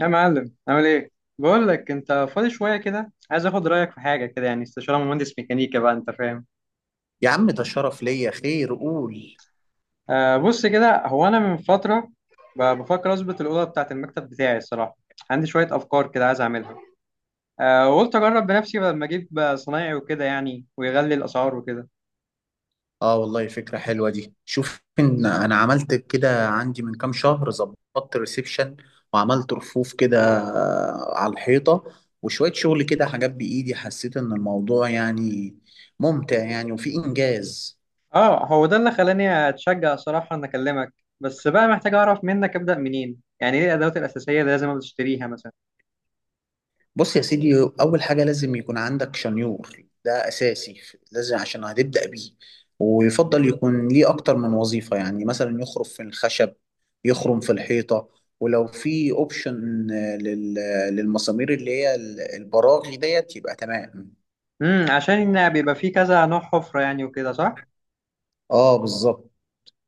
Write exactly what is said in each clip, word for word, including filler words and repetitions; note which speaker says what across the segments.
Speaker 1: يا معلم عامل ايه؟ بقول لك انت فاضي شويه كده، عايز اخد رايك في حاجه كده، يعني استشاره مهندس ميكانيكا بقى انت فاهم.
Speaker 2: يا عم، ده الشرف ليا. خير، قول.
Speaker 1: آه، بص كده، هو انا من فتره ب- بفكر اظبط الاوضه بتاعت المكتب بتاعي الصراحه. عندي شويه افكار كده عايز اعملها. آه، وقلت اجرب بنفسي بدل ما اجيب صنايعي وكده يعني، ويغلي الاسعار وكده.
Speaker 2: اه، والله فكرة حلوة دي. شوف ان انا عملت كده، عندي من كام شهر ظبطت ريسبشن وعملت رفوف كده على الحيطة وشوية شغل كده حاجات بإيدي، حسيت ان الموضوع يعني ممتع يعني وفي إنجاز.
Speaker 1: اه، هو ده اللي خلاني اتشجع صراحه ان اكلمك. بس بقى محتاج اعرف منك، ابدا منين؟ يعني ايه الادوات الاساسيه اللي لازم بتشتريها مثلا؟
Speaker 2: بص يا سيدي، اول حاجه لازم يكون عندك شنيور. ده اساسي، لازم عشان هتبدا بيه. ويفضل يكون ليه اكتر من وظيفه، يعني مثلا يخرم في الخشب، يخرم في الحيطه. ولو في اوبشن للمسامير اللي هي ال- البراغي ديت يبقى تمام.
Speaker 1: امم، عشان بيبقى فيه كذا نوع حفره يعني وكده، صح؟
Speaker 2: اه بالظبط.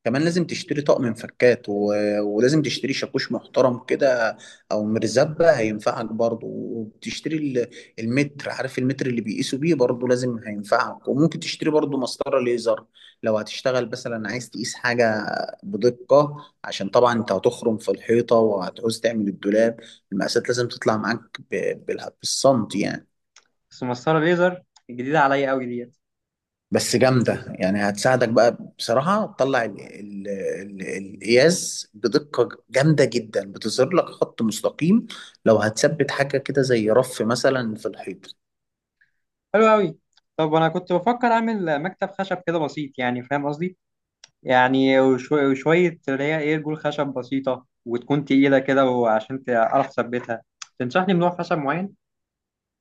Speaker 2: كمان لازم تشتري طقم مفكات و... ولازم تشتري شاكوش محترم كده، او مرزبة هينفعك برضو. وبتشتري ال- المتر، عارف المتر اللي بيقيسوا بيه؟ برضو لازم هينفعك. وممكن تشتري برضو مسطرة ليزر لو هتشتغل مثلا عايز تقيس حاجة بدقة. عشان طبعا انت هتخرم في الحيطة وهتعوز تعمل الدولاب، المقاسات لازم تطلع معاك ب... بال- بالسنتي يعني.
Speaker 1: بس مسطرة ليزر جديدة عليا قوي ديت.
Speaker 2: بس جامدة يعني، هتساعدك بقى بصراحة، تطلع ال- ال- ال- القياس بدقة جامدة جدا. بتظهر لك خط مستقيم لو هتثبت حاجة كده زي رف مثلا في الحيط.
Speaker 1: حلو قوي. طب انا كنت بفكر اعمل مكتب خشب كده بسيط، يعني فاهم قصدي؟ يعني وشو- وشوية اللي هي ايه، رجول خشب بسيطة وتكون تقيلة كده، وعشان تعرف تثبتها تنصحني بنوع خشب معين.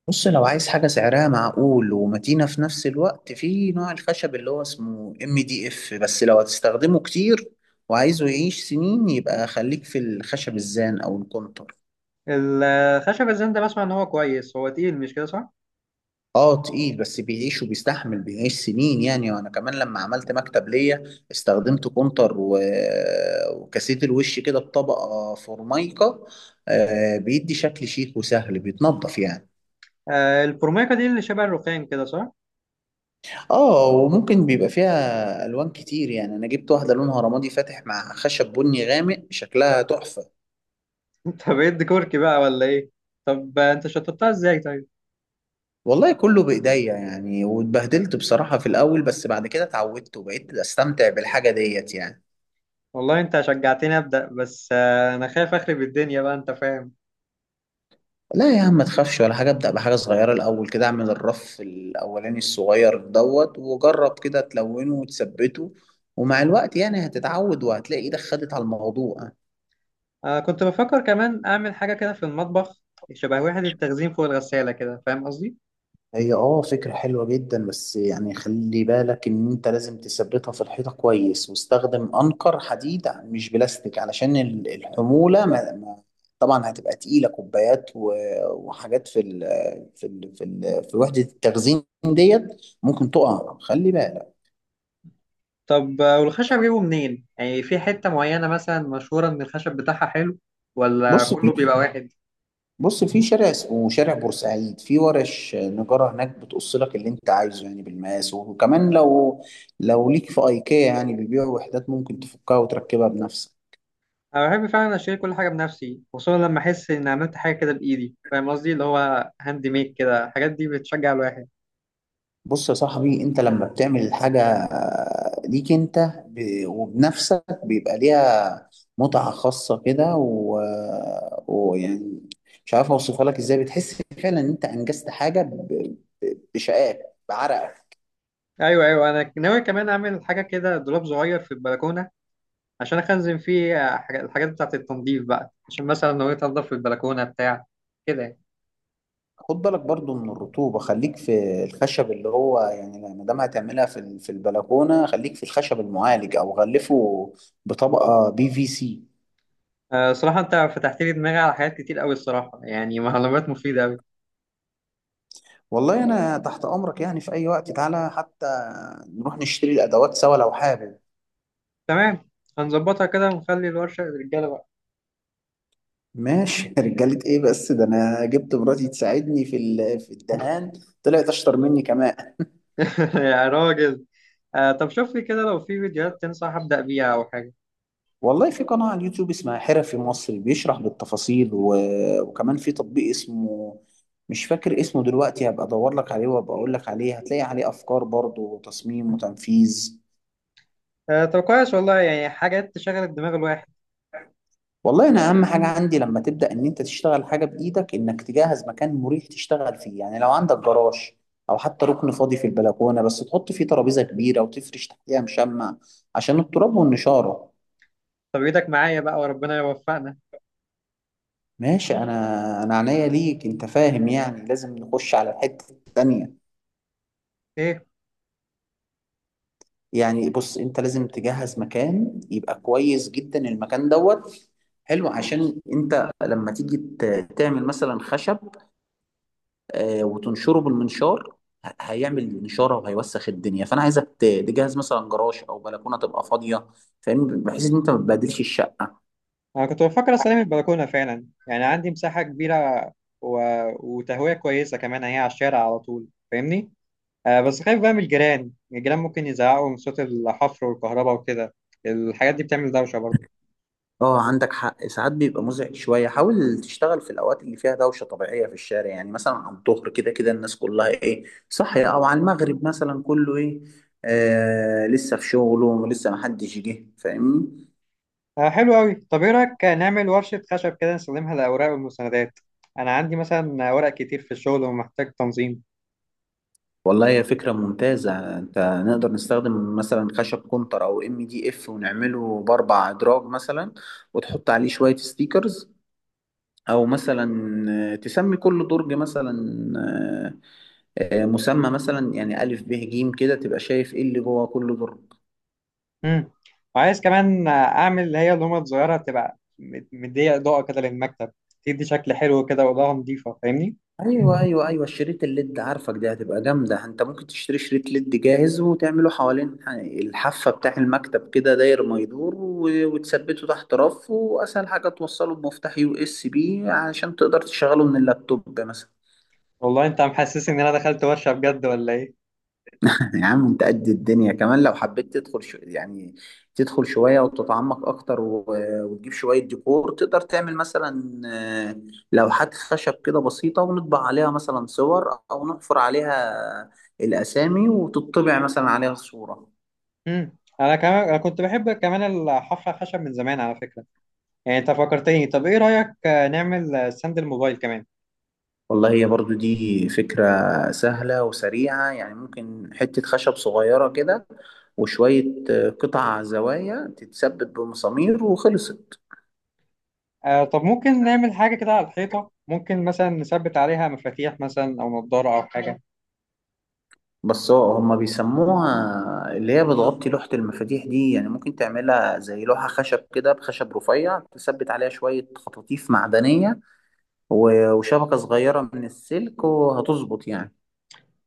Speaker 2: بص، لو عايز حاجة سعرها معقول ومتينة في نفس الوقت، في نوع الخشب اللي هو اسمه ام دي اف. بس لو هتستخدمه كتير وعايزه يعيش سنين، يبقى خليك في الخشب الزان او الكونتر.
Speaker 1: الخشب الزند ده بسمع ان هو كويس، هو تقيل مش كده صح؟
Speaker 2: اه تقيل، بس بيعيش وبيستحمل، بيعيش سنين يعني. وانا كمان لما عملت مكتب ليا، استخدمت كونتر و... وكاسيت الوش كده بطبقة فورمايكا. آه بيدي شكل شيك وسهل بيتنضف يعني.
Speaker 1: آه الفورميكا دي اللي شبه الرخام كده صح؟
Speaker 2: اه وممكن بيبقى فيها الوان كتير يعني. انا جبت واحدة لونها رمادي فاتح مع خشب بني غامق، شكلها تحفة.
Speaker 1: انت بقيت ديكوركي بقى ولا ايه؟ طب آه، انت شطبتها ازاي طيب؟
Speaker 2: والله كله بايديا يعني، واتبهدلت بصراحة في الاول، بس بعد كده اتعودت وبقيت استمتع بالحاجة ديت يعني.
Speaker 1: والله انت شجعتني ابدا، بس آه انا خايف اخرب الدنيا بقى انت فاهم.
Speaker 2: لا يا عم، ما تخافش ولا حاجة. ابدأ بحاجة صغيرة الأول كده، اعمل الرف الأولاني الصغير دوت وجرب كده تلونه وتثبته. ومع الوقت يعني هتتعود وهتلاقي إيدك خدت على الموضوع.
Speaker 1: آه، كنت بفكر كمان أعمل حاجة كده في المطبخ، شبه وحدة التخزين فوق الغسالة كده، فاهم قصدي؟
Speaker 2: هي اه فكرة حلوة جدا، بس يعني خلي بالك ان انت لازم تثبتها في الحيطة كويس. واستخدم انقر حديد مش بلاستيك، علشان ال- الحمولة ما ما طبعا هتبقى تقيلة، كوبايات و- وحاجات في ال في ال في, ال في وحدة التخزين ديت، ممكن تقع، خلي بالك.
Speaker 1: طب آه، والخشب جيبه منين؟ يعني في حتة معينة مثلا مشهورة إن الخشب بتاعها حلو، ولا
Speaker 2: بص في
Speaker 1: كله بيبقى واحد؟
Speaker 2: بص في شارع اسمه شارع بورسعيد في ورش نجارة هناك، بتقص لك اللي انت عايزه يعني بالمقاس. وكمان لو لو ليك في ايكيا يعني، بيبيعوا وحدات ممكن تفكها وتركبها بنفسك.
Speaker 1: أنا بحب فعلا أشتري كل حاجة بنفسي، خصوصا لما أحس إن عملت حاجة كده بإيدي، فاهم قصدي؟ اللي هو هاند ميد كده، الحاجات دي بتشجع الواحد.
Speaker 2: بص يا صاحبي، انت لما بتعمل الحاجة ليك انت ب- وبنفسك، بيبقى ليها متعة خاصة كده و... ويعني، مش عارف اوصفها لك ازاي. بتحس فعلا ان انت انجزت حاجة ب... ب- بشقاك، بعرقك.
Speaker 1: أيوه أيوه، أنا ناوي كمان أعمل حاجة كده، دولاب صغير في البلكونة عشان أخزن فيه آه، حاجة- الحاجات بتاعة التنظيف بقى، عشان مثلا لو جيت أنضف في البلكونة بتاع كده يعني.
Speaker 2: خد بالك برضو من الرطوبة، خليك في الخشب اللي هو يعني ما دام هتعملها في ال- في البلكونة، خليك في الخشب المعالج أو غلفه بطبقة بي في سي.
Speaker 1: آه، صراحة أنت فتحت لي دماغي على حاجات كتير أوي الصراحة، يعني معلومات مفيدة أوي.
Speaker 2: والله أنا تحت أمرك يعني، في أي وقت تعالى، حتى نروح نشتري الأدوات سوا لو حابب.
Speaker 1: تمام، هنظبطها كده ونخلي الورشة للرجالة بقى.
Speaker 2: ماشي رجالة إيه بس؟ ده أنا جبت مراتي تساعدني في ال- في الدهان، طلعت أشطر مني كمان.
Speaker 1: يا راجل. آه طب شوف لي كده لو في فيديوهات تنصح أبدأ بيها أو حاجة.
Speaker 2: والله في قناة على اليوتيوب اسمها حرفي مصر، بيشرح بالتفاصيل و... وكمان في تطبيق اسمه، مش فاكر اسمه دلوقتي، هبقى ادور لك عليه وابقى اقول لك عليه. هتلاقي عليه افكار برضه وتصميم وتنفيذ.
Speaker 1: آه طب كويس والله، يعني حاجات تشغل الدماغ الواحد.
Speaker 2: والله انا اهم حاجة عندي لما تبدأ ان انت تشتغل حاجة بايدك، انك تجهز مكان مريح تشتغل فيه. يعني لو عندك جراج او حتى ركن فاضي في البلكونة، بس تحط فيه ترابيزة كبيرة وتفرش تحتيها مشمع عشان التراب والنشارة.
Speaker 1: طب إيدك معايا بقى وربنا يوفقنا.
Speaker 2: ماشي، انا انا عينيا ليك انت، فاهم يعني؟ لازم نخش على الحتة التانية.
Speaker 1: إيه؟
Speaker 2: يعني بص، انت لازم تجهز مكان يبقى كويس جدا. المكان دوت حلو، عشان انت لما تيجي ت- تعمل مثلا خشب آه، وتنشره بالمنشار، ه- هيعمل نشاره وهيوسخ الدنيا. فانا عايزك ت- تجهز مثلا جراج او بلكونه تبقى فاضيه، فاهم؟ بحيث ان انت ما تبهدلش الشقه.
Speaker 1: أنا كنت بفكر أستلم البلكونة فعلا، يعني عندي مساحة كبيرة و... وتهوية كويسة كمان، هي على الشارع على طول فاهمني. آه بس خايف بقى من الجيران، الجيران ممكن يزعقوا من صوت الحفر والكهرباء وكده، الحاجات دي بتعمل دوشة برضه.
Speaker 2: اه عندك حق، ساعات بيبقى مزعج شوية. حاول تشتغل في الأوقات اللي فيها دوشة طبيعية في الشارع، يعني مثلا على الظهر كده، كده الناس كلها ايه، صاحية. أو على المغرب مثلا، كله ايه آه لسه في شغله، ولسه محدش جه فاهمني.
Speaker 1: آه حلو قوي. طب ايه رأيك نعمل ورشة خشب كده نستخدمها للأوراق والمستندات؟ أنا عندي مثلا ورق كتير في الشغل ومحتاج تنظيم.
Speaker 2: والله هي فكرة ممتازة. انت نقدر نستخدم مثلا خشب كونتر أو ام دي اف ونعمله بأربع أدراج مثلا، وتحط عليه شوية ستيكرز. أو مثلا آه، تسمي كل درج مثلا آه، آه، مسمى مثلا، يعني ألف ب ج كده، تبقى شايف إيه اللي جوه كل درج.
Speaker 1: مم. وعايز كمان آه، أعمل اللي هي اللومة الصغيرة تبقى مد- مدية إضاءة كده للمكتب، تدي شكل حلو كده وإضاءة نظيفة فاهمني.
Speaker 2: أيوه أيوه أيوه، الشريط الليد، عارفك دي هتبقى جامدة. أنت ممكن تشتري شريط ليد جاهز وتعمله حوالين ح- الحافة بتاع المكتب كده، داير ما يدور، و- وتثبته تحت رف. وأسهل حاجة توصله بمفتاح يو إس بي علشان تقدر تشغله من اللابتوب مثلا.
Speaker 1: والله أنت محسسني إن أنا دخلت ورشة بجد ولا إيه؟
Speaker 2: يا عم، انت قد الدنيا كمان لو حبيت تدخل، شو يعني، تدخل شوية وتتعمق اكتر و... وتجيب شوية ديكور. تقدر تعمل مثلا آه، لوحات خشب كده بسيطة، ونطبع عليها مثلا صور او نحفر عليها الاسامي، وتطبع مثلا عليها صورة.
Speaker 1: مم. أنا كمان، أنا كنت بحب كمان الحفرة خشب من زمان على فكرة. يعني انت فكرتني، طب ايه رأيك آه، نعمل آه، ستاند الموبايل كمان؟
Speaker 2: والله هي برضو دي فكرة سهلة وسريعة يعني. ممكن حتة خشب صغيرة كده وشوية آه، قطع زوايا تتثبت بمسامير وخلصت.
Speaker 1: آه طب ممكن نعمل حاجة كده على الحيطة، ممكن مثلا نثبت عليها مفاتيح مثلا او نضارة او حاجة.
Speaker 2: بس هو هما بيسموها اللي هي بتغطي لوحة المفاتيح دي، يعني ممكن تعملها زي لوحة خشب كده بخشب رفيع، تثبت عليها شوية خطاطيف معدنية و- وشبكة صغيرة من السلك وهتظبط يعني.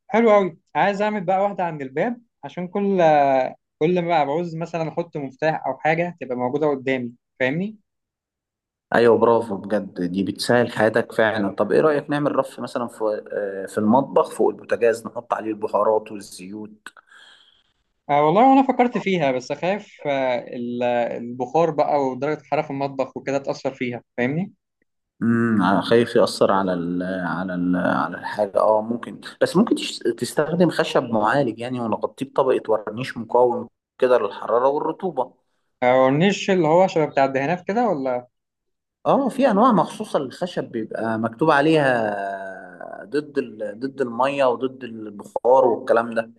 Speaker 1: حلو قوي، عايز اعمل بقى واحدة عند الباب عشان كل آه، كل ما بعوز مثلا احط مفتاح او حاجة تبقى موجودة قدامي، فاهمني؟
Speaker 2: أيوة، برافو بجد، دي بتسهل حياتك فعلا. طب إيه رأيك نعمل رف مثلا في آه، في المطبخ فوق البوتاجاز، نحط عليه البهارات والزيوت.
Speaker 1: آه والله وانا فكرت فيها، بس خايف آه، ال- آه، البخار بقى ودرجة الحرارة في المطبخ وكده تأثر فيها فاهمني.
Speaker 2: امم ع- خايف يأثر على ال على ال على الحاجة. اه ممكن، بس ممكن تش- تستخدم خشب معالج يعني، ونغطيه بطبقة ورنيش مقاوم كده للحرارة والرطوبة.
Speaker 1: آه، والنيش اللي هو شبه بتاع الدهانات كده ولا؟
Speaker 2: اه، في انواع مخصوصة للخشب بيبقى مكتوب عليها ضد ال ضد المية وضد البخار والكلام ده.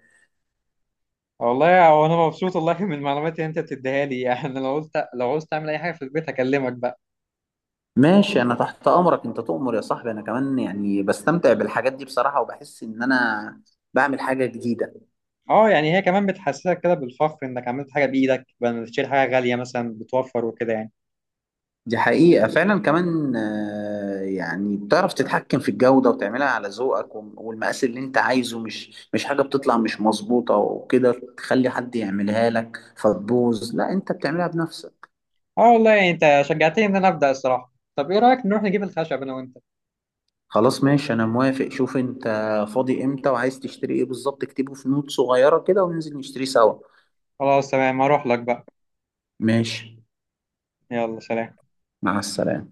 Speaker 1: والله هو انا مبسوط والله من المعلومات اللي انت بتديها لي. يعني لو قلت لو عاوز تعمل اي حاجه في البيت هكلمك بقى.
Speaker 2: ماشي انا تحت امرك، انت تؤمر يا صاحبي. انا كمان يعني بستمتع بالحاجات دي بصراحة، وبحس ان انا بعمل حاجة جديدة.
Speaker 1: اه يعني، هي كمان بتحسسك كده بالفخر انك عملت حاجه بايدك بدل ما تشتري حاجه غاليه مثلا، بتوفر وكده يعني.
Speaker 2: دي حقيقة فعلا. كمان آه، يعني بتعرف تتحكم في الجودة وتعملها على ذوقك وم- والمقاس اللي انت عايزه. مش مش حاجة بتطلع مش مظبوطة وكده تخلي حد يعملها لك فتبوظ، لا انت بتعملها بنفسك.
Speaker 1: اه والله يعني انت شجعتني ان انا ابدا الصراحه. طب ايه رايك نروح نجيب الخشب انا وانت؟
Speaker 2: خلاص ماشي، انا موافق. شوف انت فاضي امتى وعايز تشتري ايه بالظبط، اكتبه في نوت صغيرة كده وننزل نشتري سوا.
Speaker 1: خلاص تمام، هروح لك بقى.
Speaker 2: ماشي،
Speaker 1: يلا سلام.
Speaker 2: مع السلامة.